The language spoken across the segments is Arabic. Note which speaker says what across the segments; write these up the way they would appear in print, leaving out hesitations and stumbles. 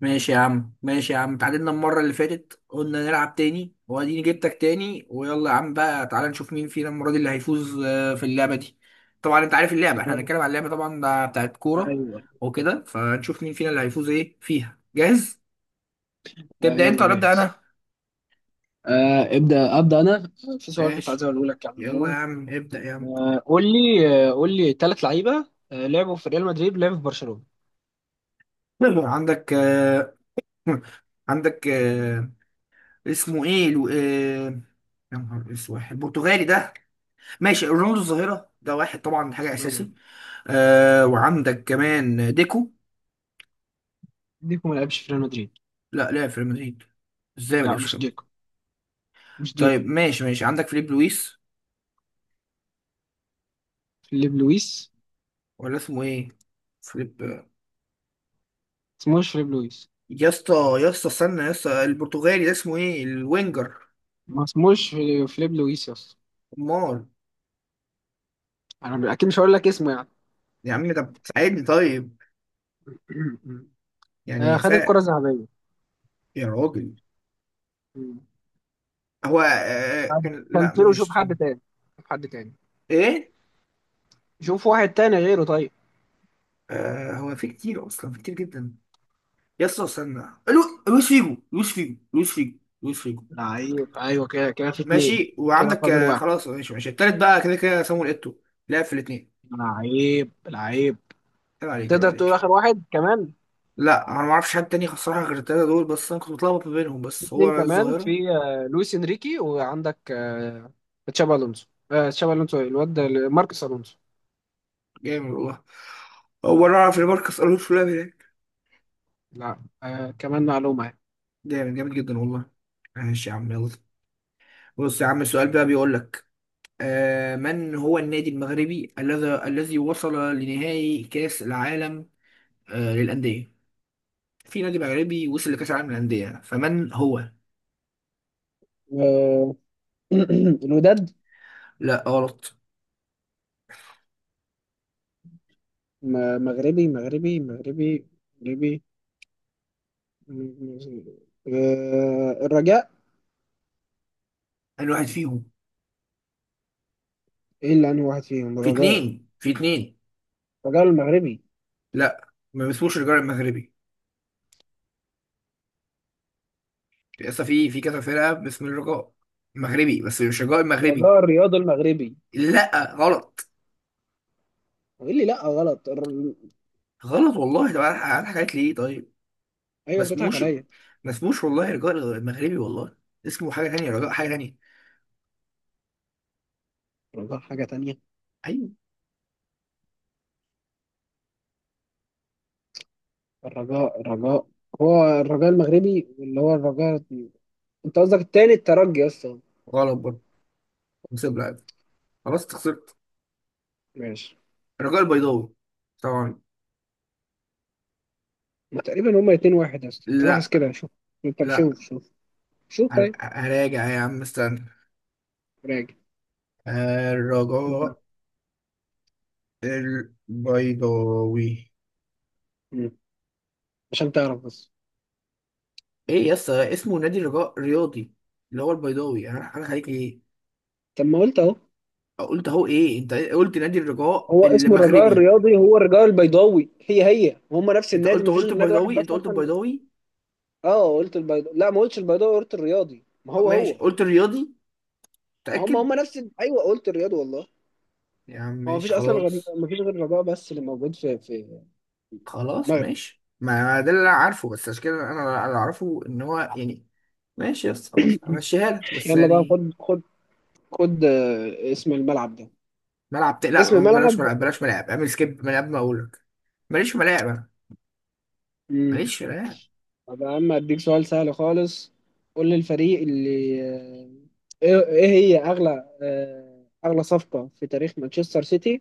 Speaker 1: ماشي يا عم، ماشي يا عم، اتعادلنا المرة اللي فاتت، قلنا نلعب تاني واديني جبتك تاني. ويلا يا عم بقى، تعالى نشوف مين فينا المرة دي اللي هيفوز في اللعبة دي. طبعا انت عارف اللعبة، احنا
Speaker 2: يلا.
Speaker 1: هنتكلم عن اللعبة طبعا، ده بتاعت كورة
Speaker 2: ايوه.
Speaker 1: وكده. فنشوف مين فينا اللي هيفوز ايه فيها. جاهز؟
Speaker 2: آه
Speaker 1: تبدأ انت
Speaker 2: يلا
Speaker 1: ولا ابدأ
Speaker 2: جاهز.
Speaker 1: انا؟
Speaker 2: آه ابدا انا. في سؤال كنت عايز
Speaker 1: ماشي،
Speaker 2: اقوله لك يعني
Speaker 1: يلا يا
Speaker 2: عموما.
Speaker 1: عم ابدأ يا عم.
Speaker 2: آه قول لي، قول لي ثلاث لعيبه، لعبوا في ريال مدريد، لعبوا في برشلونه.
Speaker 1: عندك عندك اسمه ايه يا نهار اسود، البرتغالي ده. ماشي، رونالدو الظاهرة ده واحد طبعا، حاجة
Speaker 2: تمام.
Speaker 1: أساسي. آه، وعندك كمان ديكو.
Speaker 2: ديكو ما لعبش في ريال مدريد.
Speaker 1: لا، لعب في ريال مدريد. ازاي ما
Speaker 2: لا
Speaker 1: لعبش في
Speaker 2: مش
Speaker 1: ريال مدريد؟
Speaker 2: ديكو. مش ديكو.
Speaker 1: طيب ماشي ماشي، عندك فيليب لويس،
Speaker 2: فيليب لويس.
Speaker 1: ولا اسمه ايه؟ فيليب
Speaker 2: اسمهوش فيليب لويس.
Speaker 1: يا اسطى، يا اسطى استنى يا اسطى، البرتغالي ده اسمه ايه، الوينجر؟
Speaker 2: ما اسمهوش فيليب لويس يا اسطى.
Speaker 1: امال؟
Speaker 2: انا اكيد مش هقول لك اسمه يعني.
Speaker 1: يا عم ده ساعدني طيب،
Speaker 2: آه
Speaker 1: يعني
Speaker 2: خد الكره
Speaker 1: ساعد.
Speaker 2: الذهبيه.
Speaker 1: يا راجل،
Speaker 2: مم.
Speaker 1: هو آه
Speaker 2: طب
Speaker 1: كان،
Speaker 2: كان
Speaker 1: لا
Speaker 2: تيرو، شوف
Speaker 1: مش
Speaker 2: حد تاني. شوف حد تاني.
Speaker 1: ايه.
Speaker 2: شوف واحد تاني غيره طيب.
Speaker 1: آه، هو في كتير اصلا، في كتير جدا. يا اسطى استنى، لويس فيجو، لويس فيجو، لويس فيجو، لويس فيجو.
Speaker 2: لعيب، ايوه كده كده في اتنين.
Speaker 1: ماشي،
Speaker 2: كده
Speaker 1: وعندك
Speaker 2: فاضل واحد.
Speaker 1: خلاص، ماشي ماشي، التالت بقى كده كده سامويل ايتو، لعب في الاثنين.
Speaker 2: لعيب لعيب.
Speaker 1: عيب عليك، عيب
Speaker 2: تقدر تقول
Speaker 1: عليك.
Speaker 2: اخر واحد كمان.
Speaker 1: لا انا ما اعرفش حد تاني الصراحه غير التلاته دول بس، انا كنت متلخبط ما بينهم،
Speaker 2: في
Speaker 1: بس
Speaker 2: اتنين
Speaker 1: هو
Speaker 2: كمان،
Speaker 1: الظاهره.
Speaker 2: في لويس انريكي، وعندك تشابي الونسو، تشابي الونسو إيه؟ ماركوس الونسو.
Speaker 1: جامد والله، هو انا اعرف ان ماركوس الونسو لعب هناك.
Speaker 2: لا آه كمان معلومه يعني.
Speaker 1: جامد، جامد جدا والله. ماشي يا عم يلا، بص يا عم السؤال بقى بيقول لك من هو النادي المغربي الذي وصل لنهائي كاس العالم للانديه. في نادي مغربي وصل لكاس العالم للانديه، فمن هو؟
Speaker 2: آه، الوداد.
Speaker 1: لا غلط.
Speaker 2: مغربي مغربي مغربي. مغربي. آه الرجاء.
Speaker 1: انا واحد فيهم،
Speaker 2: ايه اللي انهي واحد فيهم؟
Speaker 1: في
Speaker 2: الرجاء.
Speaker 1: اتنين، في اتنين.
Speaker 2: الرجاء المغربي.
Speaker 1: لا، ما باسموش الرجاء المغربي، لسه في كذا فرقة باسم الرجاء مغربي، بس مش الرجاء المغربي.
Speaker 2: الرجاء الرياض المغربي.
Speaker 1: لا غلط.
Speaker 2: قال لي لا غلط.
Speaker 1: غلط والله. طب انا، حكيت ليه طيب؟ ما
Speaker 2: ايوه بتضحك
Speaker 1: اسموش،
Speaker 2: عليا.
Speaker 1: ما اسموش والله الرجاء المغربي والله. اسمه حاجة تانية، رجاء حاجة تانية.
Speaker 2: الرجاء حاجه تانية.
Speaker 1: ايوه.
Speaker 2: الرجاء الرجاء هو الرجاء المغربي، واللي هو الرجاء. انت قصدك التاني الترجي اصلا.
Speaker 1: غلط برضه. نسيب لعب، خلاص أنت خسرت.
Speaker 2: ماشي.
Speaker 1: الرجاء البيضاوي طبعا.
Speaker 2: ما تقريبا هما اتنين واحد اصلا، أنا بحث
Speaker 1: لا،
Speaker 2: كده شوف. طب
Speaker 1: لا.
Speaker 2: شوف شوف. شوف طيب.
Speaker 1: هراجع يا عم استنى.
Speaker 2: راجع. انت-
Speaker 1: الرجاء البيضاوي.
Speaker 2: مم. عشان تعرف بس.
Speaker 1: ايه يا اسطى، اسمه نادي الرجاء الرياضي اللي هو البيضاوي، انا خليك ايه.
Speaker 2: طب ما قلت اهو.
Speaker 1: قلت اهو ايه، انت قلت نادي الرجاء
Speaker 2: هو اسمه الرجاء
Speaker 1: المغربي.
Speaker 2: الرياضي، هو الرجاء البيضاوي، هي هي، وهم نفس
Speaker 1: انت
Speaker 2: النادي،
Speaker 1: قلت،
Speaker 2: ما فيش
Speaker 1: قلت
Speaker 2: غير نادي واحد
Speaker 1: البيضاوي، انت
Speaker 2: بس
Speaker 1: قلت
Speaker 2: اصلا.
Speaker 1: البيضاوي.
Speaker 2: اه قلت البيضاوي. لا ما قلتش البيضاوي، قلت الرياضي، ما هو
Speaker 1: ماشي،
Speaker 2: هو.
Speaker 1: قلت الرياضي؟
Speaker 2: ما هم هم
Speaker 1: متأكد؟
Speaker 2: ايوه قلت الرياضي والله.
Speaker 1: يا عم
Speaker 2: هو
Speaker 1: ماشي
Speaker 2: مفيش اصلا غير،
Speaker 1: خلاص.
Speaker 2: مفيش غير الرجاء بس اللي موجود في
Speaker 1: خلاص
Speaker 2: المغرب.
Speaker 1: ماشي، ما ده اللي انا عارفه، بس عشان كده انا اللي اعرفه ان هو يعني. ماشي يا اسطى خلاص، همشيها لك بس
Speaker 2: يلا بقى
Speaker 1: يعني.
Speaker 2: خد خد. خد اسم الملعب ده. اسم
Speaker 1: لا بلاش
Speaker 2: الملعب.
Speaker 1: ملعب، بلاش ملاعب، اعمل سكيب من قبل ما اقول لك. ماليش في ملاعب انا،
Speaker 2: امم.
Speaker 1: ماليش في ملاعب.
Speaker 2: طب يا عم اديك سؤال سهل خالص. قول لي الفريق اللي آه، ايه إيه هي اغلى اغلى صفقة في تاريخ مانشستر سيتي،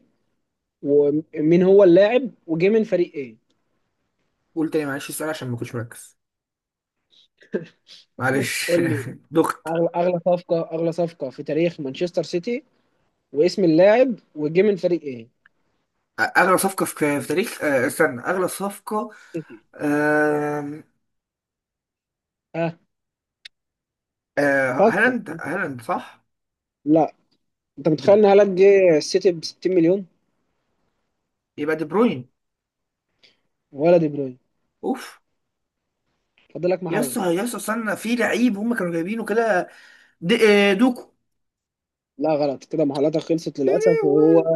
Speaker 2: ومين هو اللاعب وجه من فريق ايه؟
Speaker 1: قول تاني معلش السؤال عشان ما كنتش مركز. معلش
Speaker 2: قول لي
Speaker 1: دخ.
Speaker 2: اغلى، اغلى صفقة، اغلى صفقة في تاريخ مانشستر سيتي، واسم اللاعب وجه من فريق ايه؟
Speaker 1: اغلى صفقه في تاريخ استنى، اغلى صفقه.
Speaker 2: سيتي.
Speaker 1: آم،
Speaker 2: ها. فكر.
Speaker 1: هالاند، هالاند صح.
Speaker 2: لا. انت
Speaker 1: دي،
Speaker 2: متخيل ان هالاند جه السيتي ب 60 مليون؟
Speaker 1: يبقى دي بروين.
Speaker 2: ولا دي بروين.
Speaker 1: اوف.
Speaker 2: فاضل لك
Speaker 1: يا
Speaker 2: محاوله.
Speaker 1: اسطى، يا اسطى استنى، في لعيب هم كانوا جايبينه كده، دوكو.
Speaker 2: لا غلط كده، محاولاتك خلصت
Speaker 1: يا
Speaker 2: للاسف. وهو
Speaker 1: لهوي.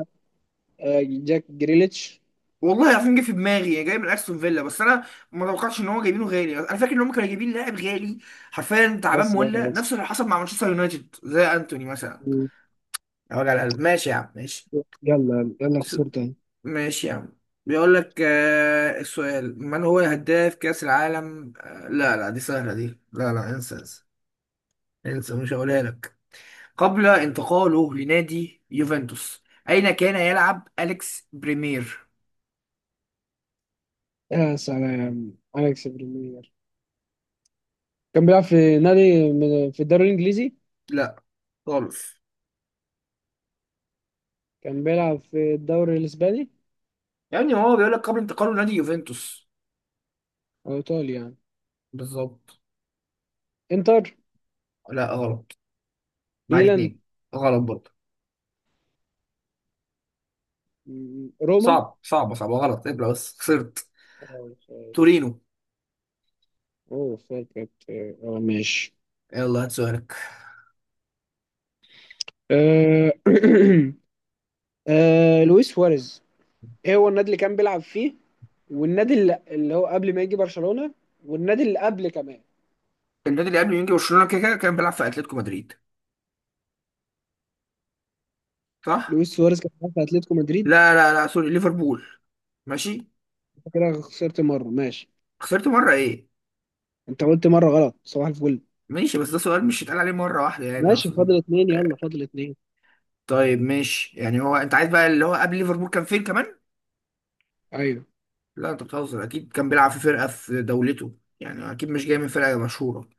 Speaker 2: جاك جريليتش.
Speaker 1: والله العظيم جه في دماغي، جاي من استون فيلا، بس انا ما توقعتش ان هو جايبينه غالي، انا فاكر ان هم كانوا جايبين لاعب غالي. حرفيا تعبان
Speaker 2: بس بقى
Speaker 1: مولع،
Speaker 2: خلاص.
Speaker 1: نفس اللي حصل مع مانشستر يونايتد زي انتوني مثلا.
Speaker 2: مم.
Speaker 1: يا وجع القلب، ماشي يا عم ماشي.
Speaker 2: يلا يلا،
Speaker 1: س-
Speaker 2: خسرت تاني.
Speaker 1: ماشي يا عم. بيقول لك السؤال، من هو هداف كأس العالم لا لا، دي سهلة دي، لا لا، انسى انسى، انسى مش هقولها لك. قبل انتقاله لنادي يوفنتوس، أين كان يلعب أليكس بريمير؟
Speaker 2: يا سلام اليكس بريمير. كان بيلعب في نادي في الدوري الانجليزي.
Speaker 1: لا، خالص.
Speaker 2: كان بيلعب في الدوري الاسباني.
Speaker 1: يعني هو بيقول لك قبل انتقاله لنادي يوفنتوس.
Speaker 2: او ايطالي يعني.
Speaker 1: بالظبط.
Speaker 2: انتر.
Speaker 1: لا غلط، معاك
Speaker 2: ميلان.
Speaker 1: اتنين. غلط برضه.
Speaker 2: روما.
Speaker 1: صعب، صعب صعب، غلط، ابلع بس خسرت.
Speaker 2: اه، فا-
Speaker 1: تورينو.
Speaker 2: اوه فاكر اه، ماشي.
Speaker 1: يلا هات سؤالك.
Speaker 2: آه، لويس سواريز، ايه هو النادي اللي كان بيلعب فيه، والنادي اللي هو قبل ما يجي برشلونة، والنادي اللي قبل كمان.
Speaker 1: النادي اللي قبل يونج برشلونة، كده كده كان بيلعب في أتلتيكو مدريد، صح؟
Speaker 2: لويس سواريز كان بيلعب في اتلتيكو مدريد.
Speaker 1: لا لا لا سوري، ليفربول. ماشي،
Speaker 2: أنت كده خسرت مرة، ماشي.
Speaker 1: خسرت مرة ايه.
Speaker 2: انت قلت مرة غلط، صباح الفل.
Speaker 1: ماشي، بس ده سؤال مش هيتقال عليه مرة واحدة يعني
Speaker 2: ماشي، فاضل
Speaker 1: اصلا.
Speaker 2: اتنين. يلا فاضل اتنين.
Speaker 1: طيب ماشي، يعني هو انت عايز بقى اللي هو قبل ليفربول كان فين كمان.
Speaker 2: ايوه.
Speaker 1: لا انت بتهزر، اكيد كان بيلعب في فرقة في دولته يعني، اكيد مش جاي من فرقة مشهورة.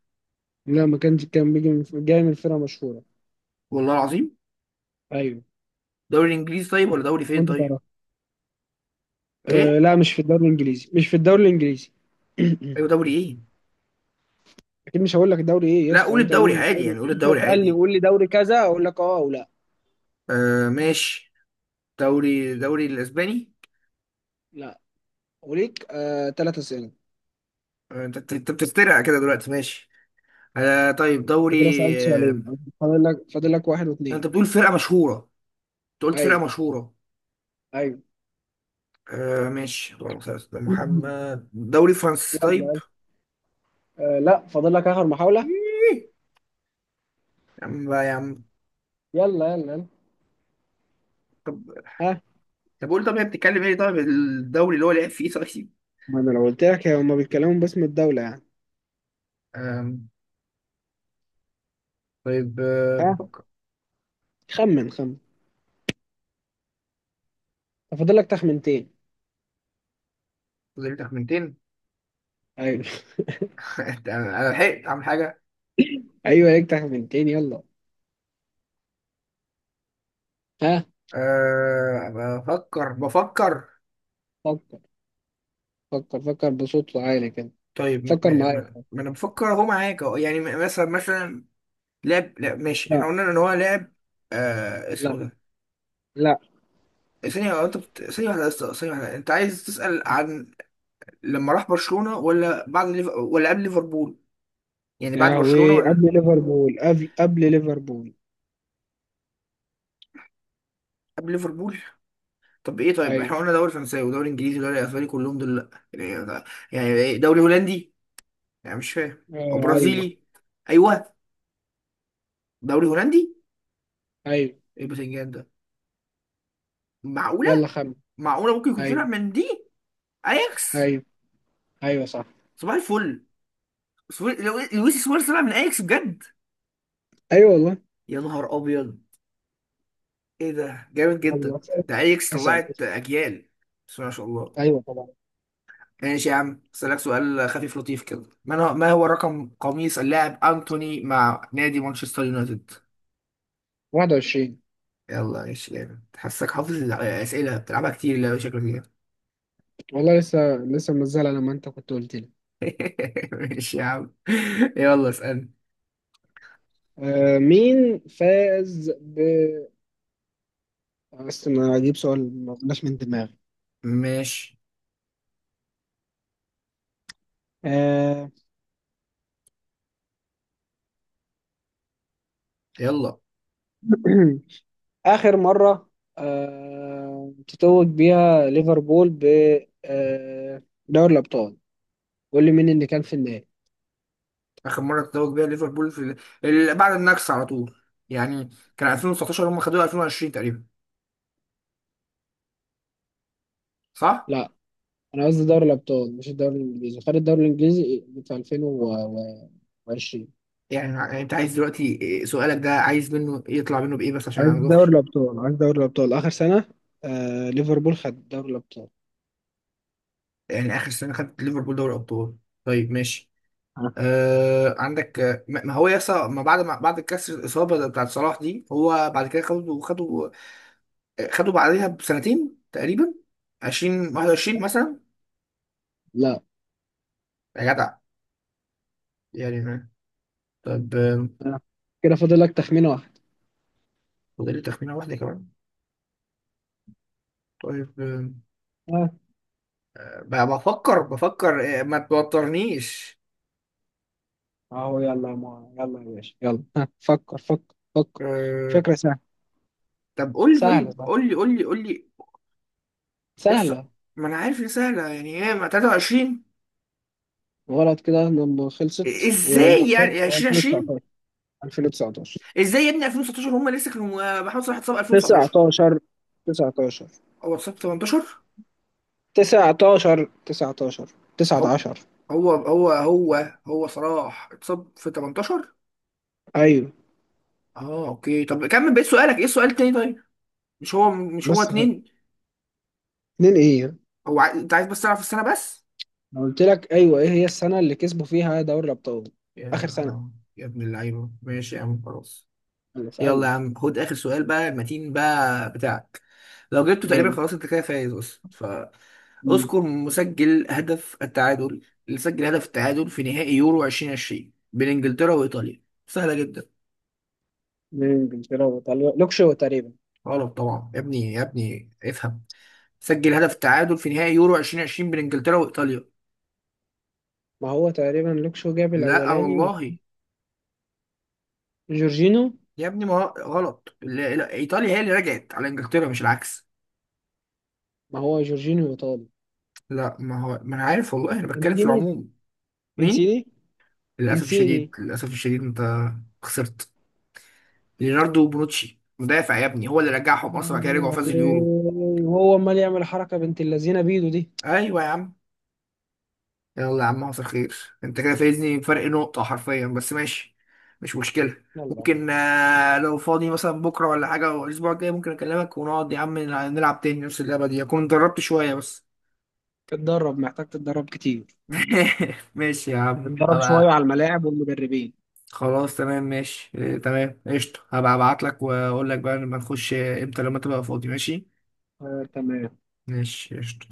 Speaker 2: لا ما كانش، كان بيجي من، جاي من فرقة مشهورة.
Speaker 1: والله العظيم.
Speaker 2: ايوه.
Speaker 1: دوري انجليزي طيب، ولا دوري فين
Speaker 2: وانت
Speaker 1: طيب؟
Speaker 2: تعرف.
Speaker 1: ايه؟
Speaker 2: أه لا مش في الدوري الانجليزي، مش في الدوري الانجليزي.
Speaker 1: ايوه، دوري ايه؟
Speaker 2: اكيد مش هقول لك الدوري ايه يا
Speaker 1: لا،
Speaker 2: اسطى،
Speaker 1: قول
Speaker 2: انت قول
Speaker 1: الدوري
Speaker 2: لي
Speaker 1: عادي،
Speaker 2: دوري،
Speaker 1: يعني قول
Speaker 2: انت
Speaker 1: الدوري
Speaker 2: تسالني
Speaker 1: عادي.
Speaker 2: قول لي دوري كذا اقول لك اه او لا.
Speaker 1: آه ماشي، دوري الاسباني.
Speaker 2: لا. وليك آه ثلاث اسئله.
Speaker 1: آه، انت انت أنت بتسترقع كده دلوقتي، ماشي. آه طيب،
Speaker 2: انت كده
Speaker 1: دوري.
Speaker 2: سألت
Speaker 1: آه،
Speaker 2: سؤالين. فاضل لك واحد
Speaker 1: انت
Speaker 2: واثنين.
Speaker 1: بتقول فرقة مشهورة، انت قلت
Speaker 2: ايوه.
Speaker 1: فرقة مشهورة.
Speaker 2: ايوه.
Speaker 1: آه ماشي، اللهم صل على سيدنا محمد، دوري فرنسي
Speaker 2: يلا
Speaker 1: طيب.
Speaker 2: يلا. آه لا، فاضل لك اخر محاولة.
Speaker 1: إيه. يا عم بقى يا عم.
Speaker 2: يلا يلا يلا.
Speaker 1: طب،
Speaker 2: ها.
Speaker 1: طب قول، طب هي بتتكلم ايه طيب الدوري اللي هو لعب فيه طيب؟
Speaker 2: ما انا لو قلت لك هما بيتكلموا باسم الدولة يعني.
Speaker 1: آم، طيب
Speaker 2: ها.
Speaker 1: بفكر.
Speaker 2: خمن خمن. فاضل لك تخمنتين.
Speaker 1: فاضل لي تخمنتين.
Speaker 2: ايوه.
Speaker 1: انا لحقت اعمل حاجة.
Speaker 2: ايوه ليك تخمنتين، يلا. ها.
Speaker 1: آه، بفكر بفكر.
Speaker 2: فكر. فكر فكر بصوت عالي كده.
Speaker 1: طيب
Speaker 2: فكر معايا.
Speaker 1: ما انا بفكر اهو معاك أهو. يعني، مثلا مثلا لعب، لا ماشي، احنا
Speaker 2: لا.
Speaker 1: قلنا ان هو لعب. آه، اسمه
Speaker 2: لا.
Speaker 1: ده.
Speaker 2: لا
Speaker 1: ثانية واحدة بس، ثانية واحدة، انت عايز تسأل عن لما راح برشلونة، ولا بعد ولا قبل ليفربول؟ يعني بعد
Speaker 2: يا
Speaker 1: برشلونة،
Speaker 2: هوي،
Speaker 1: ولا
Speaker 2: قبل ليفربول، قبل ليفربول.
Speaker 1: قبل ليفربول؟ طب ايه، طيب
Speaker 2: ايوه.
Speaker 1: احنا قلنا دوري فرنساوي ودوري انجليزي ودوري اسباني كلهم دول لا، يعني ده، يعني ايه، دوري هولندي؟ يعني مش فاهم، او
Speaker 2: آه ايوه.
Speaker 1: برازيلي؟ ايوه، دوري هولندي.
Speaker 2: ايوه.
Speaker 1: ايه البتنجان ده، معقولة؟
Speaker 2: يلا خمن.
Speaker 1: معقولة ممكن يكون طلع
Speaker 2: ايوه.
Speaker 1: من دي. اياكس.
Speaker 2: ايوه. ايوه صح.
Speaker 1: صباح الفل. لويس سواريز طلع من اياكس بجد؟
Speaker 2: ايوه والله.
Speaker 1: يا نهار ابيض، ايه ده جامد
Speaker 2: يلا
Speaker 1: جدا.
Speaker 2: اسأل.
Speaker 1: ده ايكس
Speaker 2: اسأل اسأل.
Speaker 1: طلعت اجيال، بسم الله ما شاء الله.
Speaker 2: أيوه طبعا.
Speaker 1: ماشي يا عم، اسالك سؤال خفيف لطيف كده، ما هو رقم قميص اللاعب انتوني مع نادي مانشستر يونايتد؟
Speaker 2: 21.
Speaker 1: يلا ماشي، جامد، حاسك حافظ الاسئله، بتلعبها كتير لا، شكلك كده.
Speaker 2: والله لسه لسه منزلها لما أنت كنت قلت لي.
Speaker 1: ماشي يا عم، يلا اسالني.
Speaker 2: آه مين فاز ب، بس ما أجيب سؤال ما طلعش من دماغي.
Speaker 1: ماشي،
Speaker 2: آه.
Speaker 1: يلا.
Speaker 2: آخر مرة تتوج بيها ليفربول ب آه دوري الأبطال. قول لي مين اللي كان في النهائي.
Speaker 1: اخر مره تتوج بيها ليفربول في بعد النكسه على طول يعني، كان 2019، هم خدوها 2020 تقريبا، صح؟
Speaker 2: لا أنا قصدي دوري الأبطال، مش الدوري الإنجليزي. خد الدوري الإنجليزي في 2020.
Speaker 1: يعني، يعني انت عايز دلوقتي سؤالك ده عايز منه يطلع منه بايه، بس عشان انا
Speaker 2: عايز دوري
Speaker 1: مدوخش.
Speaker 2: الابطال، عايز دوري الابطال اخر سنه. آه ليفربول خد دوري الابطال.
Speaker 1: يعني اخر سنه خدت ليفربول دوري ابطال. طيب ماشي.
Speaker 2: آه.
Speaker 1: آه، عندك ما هو يسا ما بعد، ما بعد كسر الاصابه ده بتاعت صلاح دي، هو بعد كده خدوا خدوا بعدها بسنتين تقريبا، 20 21 مثلا.
Speaker 2: لا.
Speaker 1: يا جدع، يعني ما- طيب
Speaker 2: آه. كده فاضل لك تخمينه واحد.
Speaker 1: فاضل لي تخمينه واحده كمان. طيب
Speaker 2: آه.
Speaker 1: بفكر بفكر، ما توترنيش.
Speaker 2: اهو يلا يا مو. يلا يا باشا يلا آه. فكر فكر فكر.
Speaker 1: آه،
Speaker 2: فكره سهله.
Speaker 1: طب قول لي،
Speaker 2: سهله،
Speaker 1: طيب
Speaker 2: صح؟
Speaker 1: قول لي، قول لي، قول لي. يس.
Speaker 2: سهله.
Speaker 1: ما انا عارف ان سهله، يعني ايه، ما 23.
Speaker 2: غلط كده لما خلصت، وانت
Speaker 1: ازاي، يعني
Speaker 2: خسرت. هو
Speaker 1: 2020.
Speaker 2: 2019. 2019.
Speaker 1: ازاي يا ابني 2019، هم لسه كانوا محمد صلاح اتصاب 2019،
Speaker 2: 19. 19.
Speaker 1: هو اتصاب في 18.
Speaker 2: 19. 19.
Speaker 1: اهو،
Speaker 2: 19.
Speaker 1: هو هو هو هو صلاح اتصاب في 18.
Speaker 2: ايوه.
Speaker 1: اه اوكي، طب كمل بقيت سؤالك، ايه السؤال التاني طيب؟ مش هو، مش هو
Speaker 2: بس.
Speaker 1: اتنين؟
Speaker 2: اتنين ايه؟
Speaker 1: هو انت عايز بس تعرف السنه بس؟
Speaker 2: أنا قلت لك ايوه، ايه هي السنه اللي كسبوا فيها دوري الابطال اخر سنه.
Speaker 1: يا يا ابن اللعيبه، ماشي يا عم خلاص.
Speaker 2: يلا
Speaker 1: يلا يا
Speaker 2: اسالني.
Speaker 1: عم، خد اخر سؤال بقى المتين بقى بتاعك، لو جبته تقريبا
Speaker 2: يلا.
Speaker 1: خلاص انت كده فايز، بس ف.
Speaker 2: مم.
Speaker 1: اذكر مسجل هدف التعادل، اللي سجل هدف التعادل في نهائي يورو 2020 بين انجلترا وايطاليا. سهله جدا.
Speaker 2: مين، انجلترا وايطاليا لوكشو تقريبا.
Speaker 1: غلط طبعا يا ابني، يا ابني افهم، سجل هدف التعادل في نهائي يورو 2020 بين انجلترا وايطاليا.
Speaker 2: ما هو تقريبا لوكشو جاب
Speaker 1: لا
Speaker 2: الاولاني.
Speaker 1: والله.
Speaker 2: وجورجينو.
Speaker 1: يا ابني، ما هو- غلط، لا، ايطاليا هي اللي رجعت على انجلترا، مش العكس.
Speaker 2: ما هو جورجينو ايطالي.
Speaker 1: لا ما هو، ما انا عارف والله، انا بتكلم في
Speaker 2: انسيني.
Speaker 1: العموم. مين؟
Speaker 2: انسيني.
Speaker 1: للاسف الشديد،
Speaker 2: انسيني.
Speaker 1: للاسف الشديد انت خسرت. ليوناردو بونوتشي، مدافع يا ابني، هو اللي رجعهم اصلا، بعد كده رجعوا فازوا اليورو.
Speaker 2: وهو امال يعمل حركه بنت اللذينه بيدو دي.
Speaker 1: ايوه يا عم. يلا يا عم، حصل خير. انت كده فايزني بفرق نقطة حرفيا، بس ماشي، مش مشكلة.
Speaker 2: يلا.
Speaker 1: ممكن لو فاضي مثلا بكرة ولا حاجة، أو الأسبوع الجاي، ممكن أكلمك ونقعد يا عم نلعب تاني نفس اللعبة دي، أكون دربت شوية بس.
Speaker 2: اتدرب، محتاج تتدرب كتير.
Speaker 1: ماشي يا عم،
Speaker 2: اتدرب شويه
Speaker 1: هبقى.
Speaker 2: على الملاعب والمدربين.
Speaker 1: خلاص تمام ماشي، اه، تمام قشطة، هبقى أبعتلك وأقول لك بقى لما نخش، إمتى لما تبقى فاضي، ماشي.
Speaker 2: آه تمام.
Speaker 1: ماشي قشطة.